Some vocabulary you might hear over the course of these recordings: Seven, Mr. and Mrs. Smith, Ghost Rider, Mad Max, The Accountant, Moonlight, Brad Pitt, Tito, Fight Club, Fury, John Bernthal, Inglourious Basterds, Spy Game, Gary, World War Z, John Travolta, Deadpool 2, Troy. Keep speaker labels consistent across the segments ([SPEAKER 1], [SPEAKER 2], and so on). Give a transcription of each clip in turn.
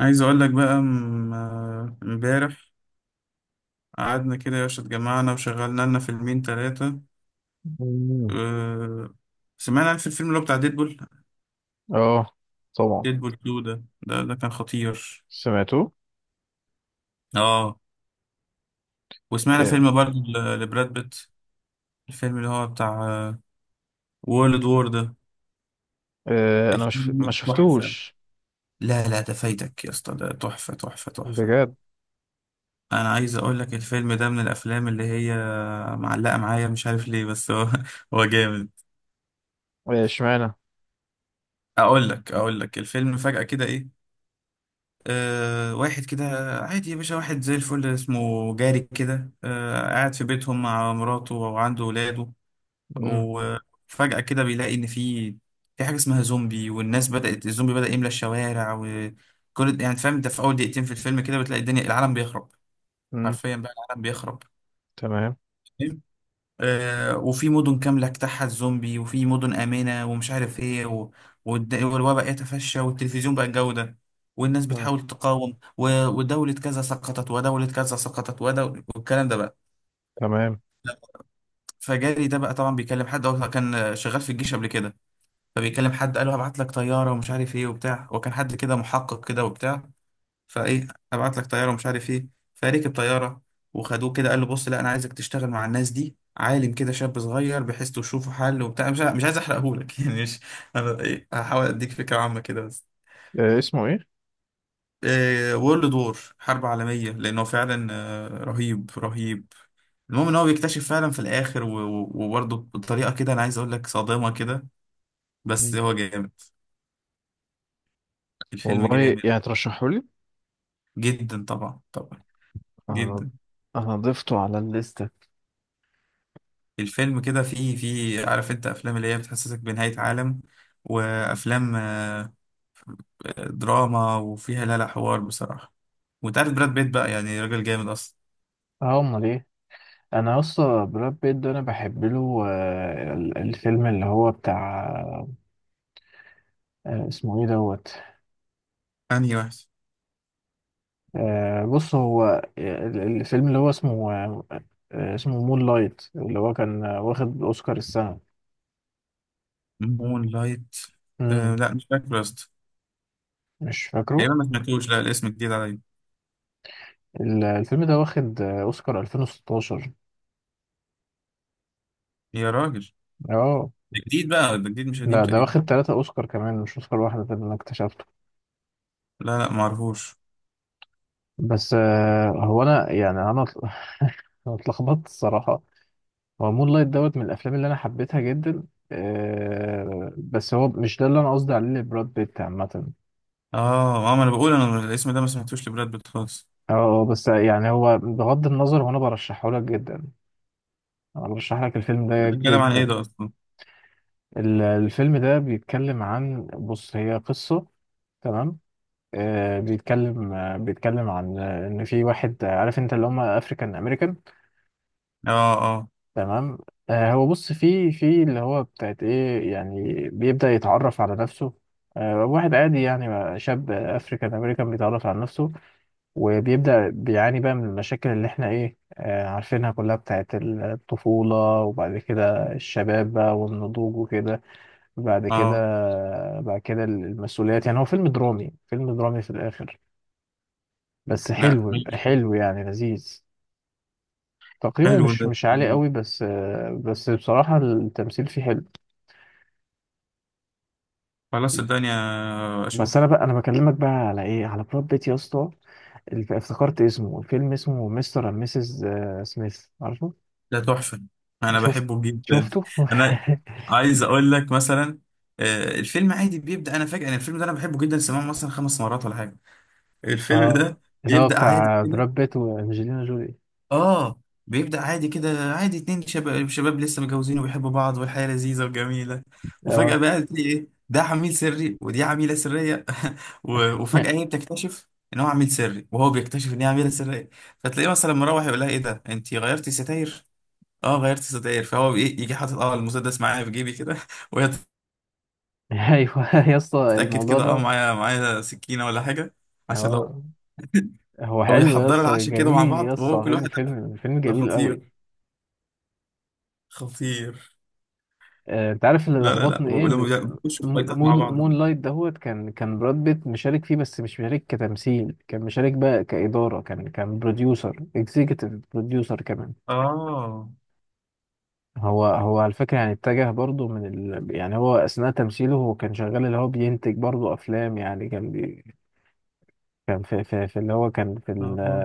[SPEAKER 1] عايز اقول لك بقى امبارح قعدنا كده يا باشا، اتجمعنا وشغلنا لنا فيلمين ثلاثة.
[SPEAKER 2] مم.
[SPEAKER 1] أه سمعنا في الفيلم اللي هو بتاع ديدبول.
[SPEAKER 2] اه، طبعا.
[SPEAKER 1] ديدبول 2 ده كان خطير.
[SPEAKER 2] سمعته.
[SPEAKER 1] اه، وسمعنا
[SPEAKER 2] إيه.
[SPEAKER 1] فيلم برضه لبراد بيت، الفيلم اللي هو بتاع وورلد وور ده.
[SPEAKER 2] إيه. انا مش ما
[SPEAKER 1] الفيلم تحفة.
[SPEAKER 2] شفتوش.
[SPEAKER 1] لا لا، ده فايتك يا اسطى، ده تحفة تحفة تحفة.
[SPEAKER 2] بجد.
[SPEAKER 1] انا عايز اقول لك الفيلم ده من الافلام اللي هي معلقة معايا، مش عارف ليه، بس هو هو جامد.
[SPEAKER 2] إيه، اشمعنى؟
[SPEAKER 1] اقول لك اقول لك الفيلم فجأة كده ايه، واحد كده عادي يا باشا، واحد زي الفل اسمه جاري كده، قاعد في بيتهم مع مراته وعنده ولاده.
[SPEAKER 2] مم.
[SPEAKER 1] وفجأة كده بيلاقي ان في حاجة اسمها زومبي، والناس بدأت الزومبي بدأ يملى الشوارع، وكل يعني فاهم انت. في اول دقيقتين في الفيلم كده بتلاقي الدنيا، العالم بيخرب،
[SPEAKER 2] مم.
[SPEAKER 1] حرفيا بقى العالم بيخرب.
[SPEAKER 2] تمام.
[SPEAKER 1] وفي مدن كاملة اجتاحها الزومبي، وفي مدن آمنة، ومش عارف ايه و... والوباء يتفشى، والتلفزيون بقى الجودة، والناس
[SPEAKER 2] تمام.
[SPEAKER 1] بتحاول تقاوم و... ودولة كذا سقطت، ودولة كذا سقطت، والكلام ده بقى.
[SPEAKER 2] تمام.
[SPEAKER 1] فجاري ده بقى طبعا بيكلم حد، هو كان شغال في الجيش قبل كده. فبيكلم حد قال له هبعت لك طيارة، ومش عارف ايه وبتاع، وكان حد كده محقق كده وبتاع. فايه، ابعت لك طياره ومش عارف ايه. فركب طياره وخدوه كده، قال له بص، لا انا عايزك تشتغل مع الناس دي، عالم كده شاب صغير، بحيث تشوفوا حل وبتاع، مش عايز احرقهولك يعني مش، انا ايه، هحاول اديك فكره عامه كده بس.
[SPEAKER 2] إيه. اسمه ايه؟
[SPEAKER 1] إيه، وورلد وور، حرب عالميه، لانه فعلا رهيب رهيب. المهم ان هو بيكتشف فعلا في الاخر، وبرضه بطريقه كده انا عايز اقول لك صادمه كده، بس
[SPEAKER 2] مم.
[SPEAKER 1] هو جامد. الفيلم
[SPEAKER 2] والله،
[SPEAKER 1] جامد.
[SPEAKER 2] يعني ترشحه لي؟
[SPEAKER 1] جدا طبعا طبعا،
[SPEAKER 2] انا
[SPEAKER 1] جدا.
[SPEAKER 2] انا ضفته على الليسته.
[SPEAKER 1] الفيلم كده فيه عارف انت افلام اللي هي بتحسسك بنهاية عالم، وافلام دراما، وفيها لا لا حوار بصراحة. وانت عارف براد بيت بقى يعني راجل جامد اصلا.
[SPEAKER 2] اه، امال ايه. انا اصلا براد بيت ده انا بحب له الفيلم اللي هو بتاع. اسمه ايه دوت.
[SPEAKER 1] انهي واحد؟
[SPEAKER 2] بص هو. الفيلم اللي هو اسمه اسمه مون لايت اللي هو كان واخد اوسكار السنه.
[SPEAKER 1] مون لايت. آه
[SPEAKER 2] امم.
[SPEAKER 1] لا، مش فاكر يا اسطى،
[SPEAKER 2] مش فاكره.
[SPEAKER 1] تقريبا ما سمعتوش، لا الاسم جديد عليا.
[SPEAKER 2] الفيلم ده واخد اوسكار 2016.
[SPEAKER 1] يا راجل!
[SPEAKER 2] اه.
[SPEAKER 1] ده جديد بقى، ده جديد مش قديم
[SPEAKER 2] لا، ده
[SPEAKER 1] تقريبا.
[SPEAKER 2] واخد ثلاثة اوسكار كمان، مش اوسكار واحده، ده اللي انا اكتشفته.
[SPEAKER 1] لا لا، ما اعرفوش.
[SPEAKER 2] بس هو انا يعني انا أنا اتلخبطت الصراحه. هو مون لايت دوت من الافلام اللي انا حبيتها جدا. بس هو مش ده اللي انا قصدي عليه لبراد بيت عامه.
[SPEAKER 1] اه اه، ما انا بقول انا الاسم ده ما سمعتوش لبراد بيت خالص.
[SPEAKER 2] اه، بس يعني هو بغض النظر، وانا برشحه لك جدا. انا برشح لك الفيلم
[SPEAKER 1] ده
[SPEAKER 2] ده
[SPEAKER 1] بيتكلم عن ايه
[SPEAKER 2] جدا.
[SPEAKER 1] ده اصلا؟
[SPEAKER 2] الفيلم ده بيتكلم عن، بص هي قصة. تمام. بيتكلم عن ان في واحد عارف انت اللي هم افريكان امريكان.
[SPEAKER 1] اه اه
[SPEAKER 2] تمام. هو بص في اللي هو بتاعت ايه، يعني بيبدأ يتعرف على نفسه. واحد عادي، يعني شاب افريكان امريكان بيتعرف على نفسه. وبيبدأ بيعاني بقى من المشاكل اللي احنا ايه، عارفينها كلها بتاعت الطفولة. وبعد كده الشباب بقى والنضوج وكده. بعد كده.
[SPEAKER 1] اه،
[SPEAKER 2] بعد كده المسؤوليات. يعني هو فيلم درامي، فيلم درامي في الآخر. بس
[SPEAKER 1] لا
[SPEAKER 2] حلو
[SPEAKER 1] ماشي.
[SPEAKER 2] حلو يعني لذيذ. تقييمه
[SPEAKER 1] حلو
[SPEAKER 2] مش
[SPEAKER 1] ده.
[SPEAKER 2] مش عالي قوي، بس بصراحة التمثيل فيه حلو.
[SPEAKER 1] خلاص، الدنيا
[SPEAKER 2] بس انا
[SPEAKER 1] اشوف.
[SPEAKER 2] بقى انا بكلمك بقى على ايه، على براد بيت يا اسطى. افتكرت اسمه، الفيلم اسمه مستر اند ميسز سميث، عارفه؟
[SPEAKER 1] ده تحفة، انا
[SPEAKER 2] شفت؟
[SPEAKER 1] بحبه جدا.
[SPEAKER 2] شفته.
[SPEAKER 1] انا عايز اقول لك مثلا، الفيلم عادي بيبدأ. انا فاكر ان الفيلم ده انا بحبه جدا، سمعه مثلا خمس مرات ولا حاجة الفيلم
[SPEAKER 2] اه.
[SPEAKER 1] ده.
[SPEAKER 2] اللي هو
[SPEAKER 1] بيبدأ عادي
[SPEAKER 2] بتاع
[SPEAKER 1] كده.
[SPEAKER 2] براد بيت وانجلينا جولي.
[SPEAKER 1] اه، بيبدأ عادي كده، عادي، اتنين شباب، شباب لسه متجوزين وبيحبوا بعض، والحياة لذيذة وجميلة. وفجأة
[SPEAKER 2] اه.
[SPEAKER 1] بقى تلاقي ايه، ده عميل سري ودي عميلة سرية. وفجأة هي بتكتشف ان هو عميل سري، وهو بيكتشف ان هي عميلة سرية. فتلاقيه مثلا مروح يقول لها ايه ده، انت غيرتي ستاير؟ اه غيرت ستاير، فهو بي- إيه، يجي حاطط اه المسدس معايا في جيبي كده وهي
[SPEAKER 2] ايوه يا اسطى،
[SPEAKER 1] تتاكد
[SPEAKER 2] الموضوع
[SPEAKER 1] كده، اه
[SPEAKER 2] ده.
[SPEAKER 1] معايا سكينه ولا حاجه، عشان لو
[SPEAKER 2] هو هو
[SPEAKER 1] لو
[SPEAKER 2] حلو يا
[SPEAKER 1] بيحضروا
[SPEAKER 2] اسطى،
[SPEAKER 1] العشاء كده مع
[SPEAKER 2] جميل يا
[SPEAKER 1] بعض، وهو
[SPEAKER 2] اسطى،
[SPEAKER 1] كل
[SPEAKER 2] فيلم
[SPEAKER 1] واحد
[SPEAKER 2] فيلم فيلم
[SPEAKER 1] ده
[SPEAKER 2] جميل قوي.
[SPEAKER 1] خطير خطير.
[SPEAKER 2] انت عارف اللي
[SPEAKER 1] لا لا لا،
[SPEAKER 2] لخبطني ايه؟
[SPEAKER 1] ولما
[SPEAKER 2] ان
[SPEAKER 1] بيخشوا في فايتات مع
[SPEAKER 2] مون
[SPEAKER 1] بعض.
[SPEAKER 2] مون لايت دهوت كان براد بيت مشارك فيه، بس مش مشارك كتمثيل، كان مشارك بقى كإدارة، كان بروديوسر اكزيكتيف بروديوسر كمان.
[SPEAKER 1] اه
[SPEAKER 2] هو على فكرة يعني اتجه برضه من يعني هو أثناء تمثيله، هو كان شغال اللي هو بينتج برضه أفلام، يعني كان كان في اللي هو كان
[SPEAKER 1] اه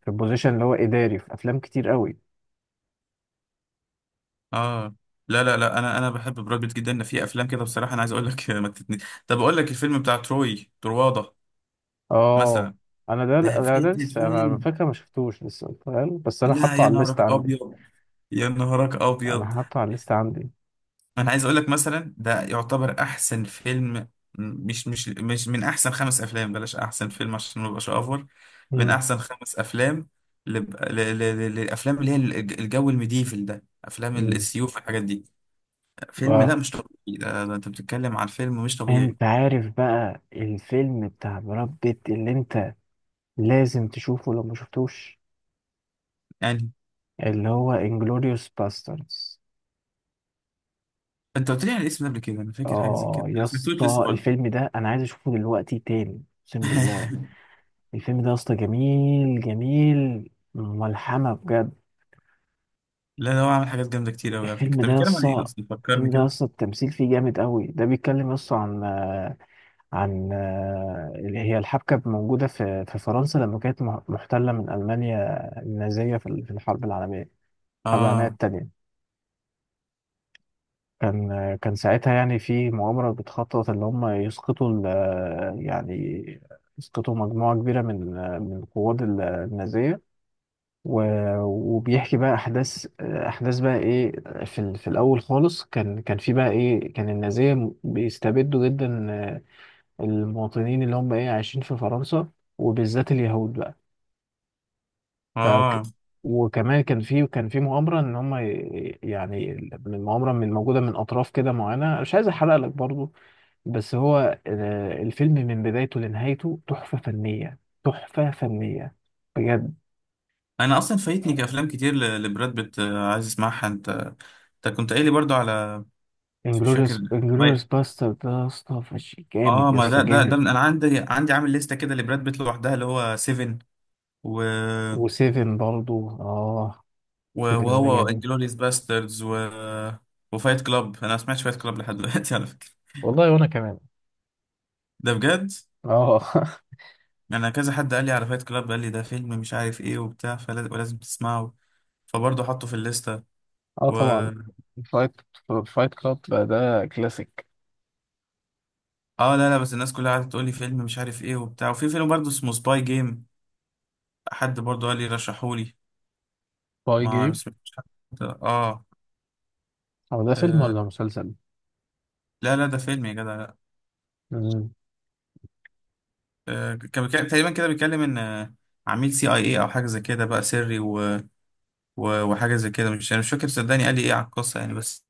[SPEAKER 2] في البوزيشن اللي هو إداري في أفلام كتير قوي.
[SPEAKER 1] اه، لا لا لا، انا بحب براد بيت جدا، في افلام كده بصراحه انا عايز اقول لك ما تتني. طب اقول لك الفيلم بتاع تروي ترواضه
[SPEAKER 2] اه.
[SPEAKER 1] مثلا،
[SPEAKER 2] أنا ده
[SPEAKER 1] ده
[SPEAKER 2] أنا ده
[SPEAKER 1] فيلم
[SPEAKER 2] لسه، أنا على
[SPEAKER 1] فيلم
[SPEAKER 2] فكرة ما شفتوش لسه فاهم، بس أنا
[SPEAKER 1] لا
[SPEAKER 2] حاطه
[SPEAKER 1] يا
[SPEAKER 2] على الليست
[SPEAKER 1] نهارك
[SPEAKER 2] عندي.
[SPEAKER 1] ابيض، يا نهارك
[SPEAKER 2] أنا
[SPEAKER 1] ابيض.
[SPEAKER 2] حاطه على الليست عندي.
[SPEAKER 1] انا عايز اقول لك مثلا ده يعتبر احسن فيلم. مش من احسن خمس افلام، بلاش احسن فيلم عشان ما ابقاش اوفر، من
[SPEAKER 2] مم.
[SPEAKER 1] احسن خمس افلام للافلام اللي هي الجو الميديفل ده، افلام
[SPEAKER 2] مم.
[SPEAKER 1] السيوف والحاجات دي. فيلم
[SPEAKER 2] و-
[SPEAKER 1] لا مش طبيعي، ده انت بتتكلم عن فيلم مش طبيعي
[SPEAKER 2] انت عارف بقى الفيلم بتاع براد بيت اللي انت لازم تشوفه لو ما شفتوش؟
[SPEAKER 1] يعني.
[SPEAKER 2] اللي هو انجلوريوس باستردز.
[SPEAKER 1] انت قلت لي على الاسم ده قبل كده، انا فاكر حاجه زي
[SPEAKER 2] اه
[SPEAKER 1] كده،
[SPEAKER 2] يا
[SPEAKER 1] انا سمعتوش لسه
[SPEAKER 2] اسطى،
[SPEAKER 1] برضه.
[SPEAKER 2] الفيلم ده انا عايز اشوفه دلوقتي تاني، اقسم بالله. الفيلم ده يا اسطى جميل جميل، ملحمة بجد.
[SPEAKER 1] لا، ده هو عامل حاجات جامده كتير قوي على فكره.
[SPEAKER 2] الفيلم
[SPEAKER 1] طب
[SPEAKER 2] ده يا
[SPEAKER 1] بيتكلم عن ايه
[SPEAKER 2] اسطى.
[SPEAKER 1] اصلا؟ فكرني
[SPEAKER 2] الفيلم ده يا
[SPEAKER 1] كده.
[SPEAKER 2] اسطى، التمثيل فيه جامد قوي. ده بيتكلم يا اسطى عن عن اللي هي الحبكة موجودة في فرنسا لما كانت محتلة من ألمانيا النازية في الحرب العالمية
[SPEAKER 1] اه
[SPEAKER 2] التانية. كان ساعتها يعني في مؤامرة بتخطط اللي هم يسقطوا يعني يسقطوا مجموعة كبيرة من القوات النازية. و- وبيحكي بقى احداث احداث بقى ايه. في الاول خالص كان في بقى ايه، كان النازيه بيستبدوا جدا المواطنين اللي هم ايه، عايشين في فرنسا، وبالذات اليهود بقى. فك.
[SPEAKER 1] اه،
[SPEAKER 2] وكمان كان في مؤامره ان هم يعني من مؤامره، من موجوده من اطراف كده معينه، مش عايز احرق لك برضو. بس هو الفيلم من بدايته لنهايته تحفه فنيه. تحفه فنيه. بجد.
[SPEAKER 1] انا اصلا فايتني افلام كتير لبراد بيت. عايز اسمعها. انت انت كنت قايل لي برضو على، مش فاكر.
[SPEAKER 2] انجلوريوس
[SPEAKER 1] طيب.
[SPEAKER 2] باستر ده يا اسطى جامد
[SPEAKER 1] اه،
[SPEAKER 2] يا
[SPEAKER 1] ما
[SPEAKER 2] اسطى،
[SPEAKER 1] ده
[SPEAKER 2] جامد.
[SPEAKER 1] من، انا عندي عامل لستة كده لبراد بيت لوحدها، اللي هو سيفن و...
[SPEAKER 2] وسيفن برضو، اه. سيفن ده
[SPEAKER 1] وهو
[SPEAKER 2] جميل.
[SPEAKER 1] انجلوريس باستردز، و... وفايت كلاب. انا ما سمعتش فايت كلاب لحد دلوقتي على فكرة.
[SPEAKER 2] والله، وانا كمان.
[SPEAKER 1] ده بجد،
[SPEAKER 2] اه.
[SPEAKER 1] انا كذا حد قال لي على فايت كلاب، قال لي ده فيلم مش عارف ايه وبتاع، فلازم ولازم تسمعه. فبرضه حطه في الليستة.
[SPEAKER 2] اه،
[SPEAKER 1] و
[SPEAKER 2] طبعا. فايت. فايت كلاب ده كلاسيك.
[SPEAKER 1] اه، لا لا، بس الناس كلها قعدت تقول لي فيلم مش عارف ايه وبتاع. وفي فيلم برضه اسمه سباي جيم، حد برضه قال لي رشحولي،
[SPEAKER 2] باي
[SPEAKER 1] ما
[SPEAKER 2] جيم.
[SPEAKER 1] سمعتش حد. اه،
[SPEAKER 2] هو ده فيلم
[SPEAKER 1] آه،
[SPEAKER 2] ولا مسلسل؟
[SPEAKER 1] لا لا، ده فيلم يا جدع، لا.
[SPEAKER 2] مم.
[SPEAKER 1] كان تقريبا كده بيتكلم ان عميل سي اي اي او حاجه زي كده بقى سري وحاجه زي كده. مش انا مش فاكر صدقني قال لي ايه على القصه يعني. بس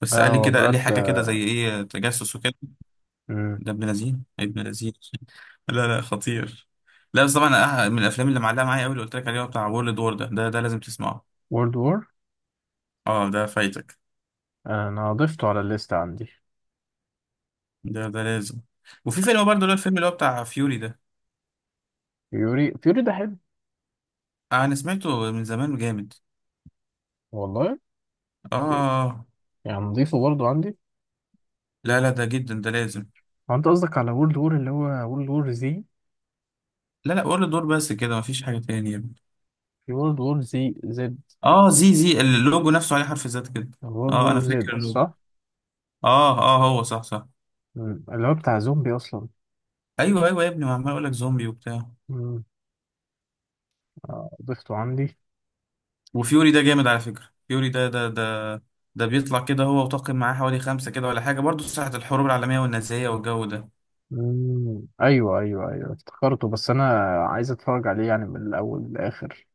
[SPEAKER 1] بس
[SPEAKER 2] لا
[SPEAKER 1] قال لي
[SPEAKER 2] هو
[SPEAKER 1] كده، قال لي
[SPEAKER 2] براد.
[SPEAKER 1] حاجه كده زي ايه تجسس وكده. ده ابن لذين، ابن لذين. لا لا، خطير، لا بس طبعا. من الافلام اللي معلقه معايا قوي اللي قلت لك عليه هو بتاع وورلد وور ده لازم تسمعه.
[SPEAKER 2] وورلد وور،
[SPEAKER 1] اه ده فايتك،
[SPEAKER 2] انا ضفته على الليست عندي.
[SPEAKER 1] ده لازم. وفي فيلم برضه اللي هو الفيلم اللي هو بتاع فيوري ده،
[SPEAKER 2] فيوري، فيوري ده حلو.
[SPEAKER 1] انا سمعته من زمان، جامد.
[SPEAKER 2] والله،
[SPEAKER 1] اه،
[SPEAKER 2] يعني نضيفه برضه عندي.
[SPEAKER 1] لا لا، ده جدا، ده لازم.
[SPEAKER 2] هو انت قصدك على وورلد وور اللي هو وورلد وور زي؟
[SPEAKER 1] لا لا، ولا دور بس كده، مفيش حاجه تانية يا ابني.
[SPEAKER 2] في وورلد وور زي زد.
[SPEAKER 1] اه، زي اللوجو نفسه عليه حرف زد كده.
[SPEAKER 2] وورلد
[SPEAKER 1] اه
[SPEAKER 2] وور
[SPEAKER 1] انا
[SPEAKER 2] زد
[SPEAKER 1] فاكر اللوجو.
[SPEAKER 2] صح؟
[SPEAKER 1] اه اه، هو صح صح.
[SPEAKER 2] مم. اللي هو بتاع زومبي اصلا.
[SPEAKER 1] ايوه ايوه يا ابني، ما عمال اقول لك زومبي وبتاع.
[SPEAKER 2] مم. ضفته عندي.
[SPEAKER 1] وفيوري ده جامد على فكره، فيوري ده بيطلع كده، هو وطاقم معاه حوالي خمسه كده ولا حاجه، برضه ساعه الحروب العالميه والنازيه والجو ده.
[SPEAKER 2] مم. ايوه، ايوه، ايوه، افتكرته، بس انا عايز اتفرج عليه، يعني من الاول للاخر.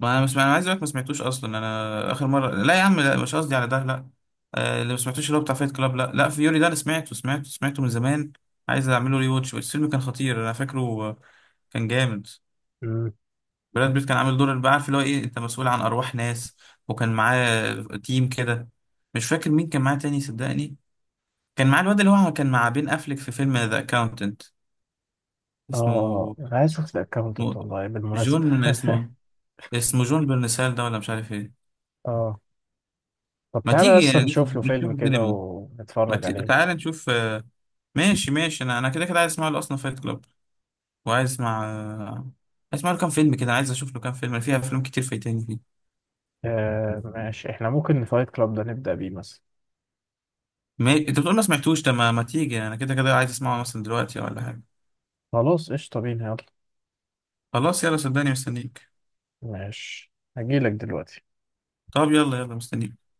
[SPEAKER 1] ما انا مش، انا عايز اقولك ما سمعتوش اصلا، انا اخر مره، لا يا عم، لا مش قصدي على ده، لا. اللي ما سمعتوش اللي هو بتاع فايت كلاب، لا لا، فيوري ده انا سمعته سمعته سمعته من زمان. عايز اعمله ري واتش. الفيلم كان خطير انا فاكره. آه، كان جامد.
[SPEAKER 2] مم.
[SPEAKER 1] براد بيت كان عامل دور اللي بقى عارف اللي هو ايه، انت مسؤول عن ارواح ناس. وكان معاه تيم كده، مش فاكر مين كان معاه تاني صدقني. كان معاه الواد اللي هو كان مع بين افليك في فيلم ذا اكاونتنت، اسمه
[SPEAKER 2] اه، انا عايز اشوف الاكونت
[SPEAKER 1] اسمه
[SPEAKER 2] والله بالمناسبه.
[SPEAKER 1] جون، اسمه جون برنسال ده ولا مش عارف ايه.
[SPEAKER 2] اه. طب
[SPEAKER 1] ما
[SPEAKER 2] تعالى
[SPEAKER 1] تيجي
[SPEAKER 2] اصلا نشوف له فيلم
[SPEAKER 1] نشوف
[SPEAKER 2] كده
[SPEAKER 1] السينما. ما
[SPEAKER 2] ونتفرج عليه.
[SPEAKER 1] تعال نشوف ماشي ماشي. انا كده كده عايز اسمع له اصلا فايت كلاب. وعايز اسمع عايز اسمع له كام فيلم كده. أنا عايز اشوف له كام فيلم، أنا فيها افلام كتير فايتاني فيه.
[SPEAKER 2] ماشي، احنا ممكن فايت كلاب ده نبدأ بيه مثلا.
[SPEAKER 1] ما... انت بتقول ما سمعتوش ده، ما تيجي انا كده كده عايز اسمعه مثلا دلوقتي ولا حاجه.
[SPEAKER 2] خلاص، قشطة، بينا يلا.
[SPEAKER 1] خلاص يلا، صدقني مستنيك.
[SPEAKER 2] ماشي، هجيلك دلوقتي.
[SPEAKER 1] طب يلا يلا مستنيك.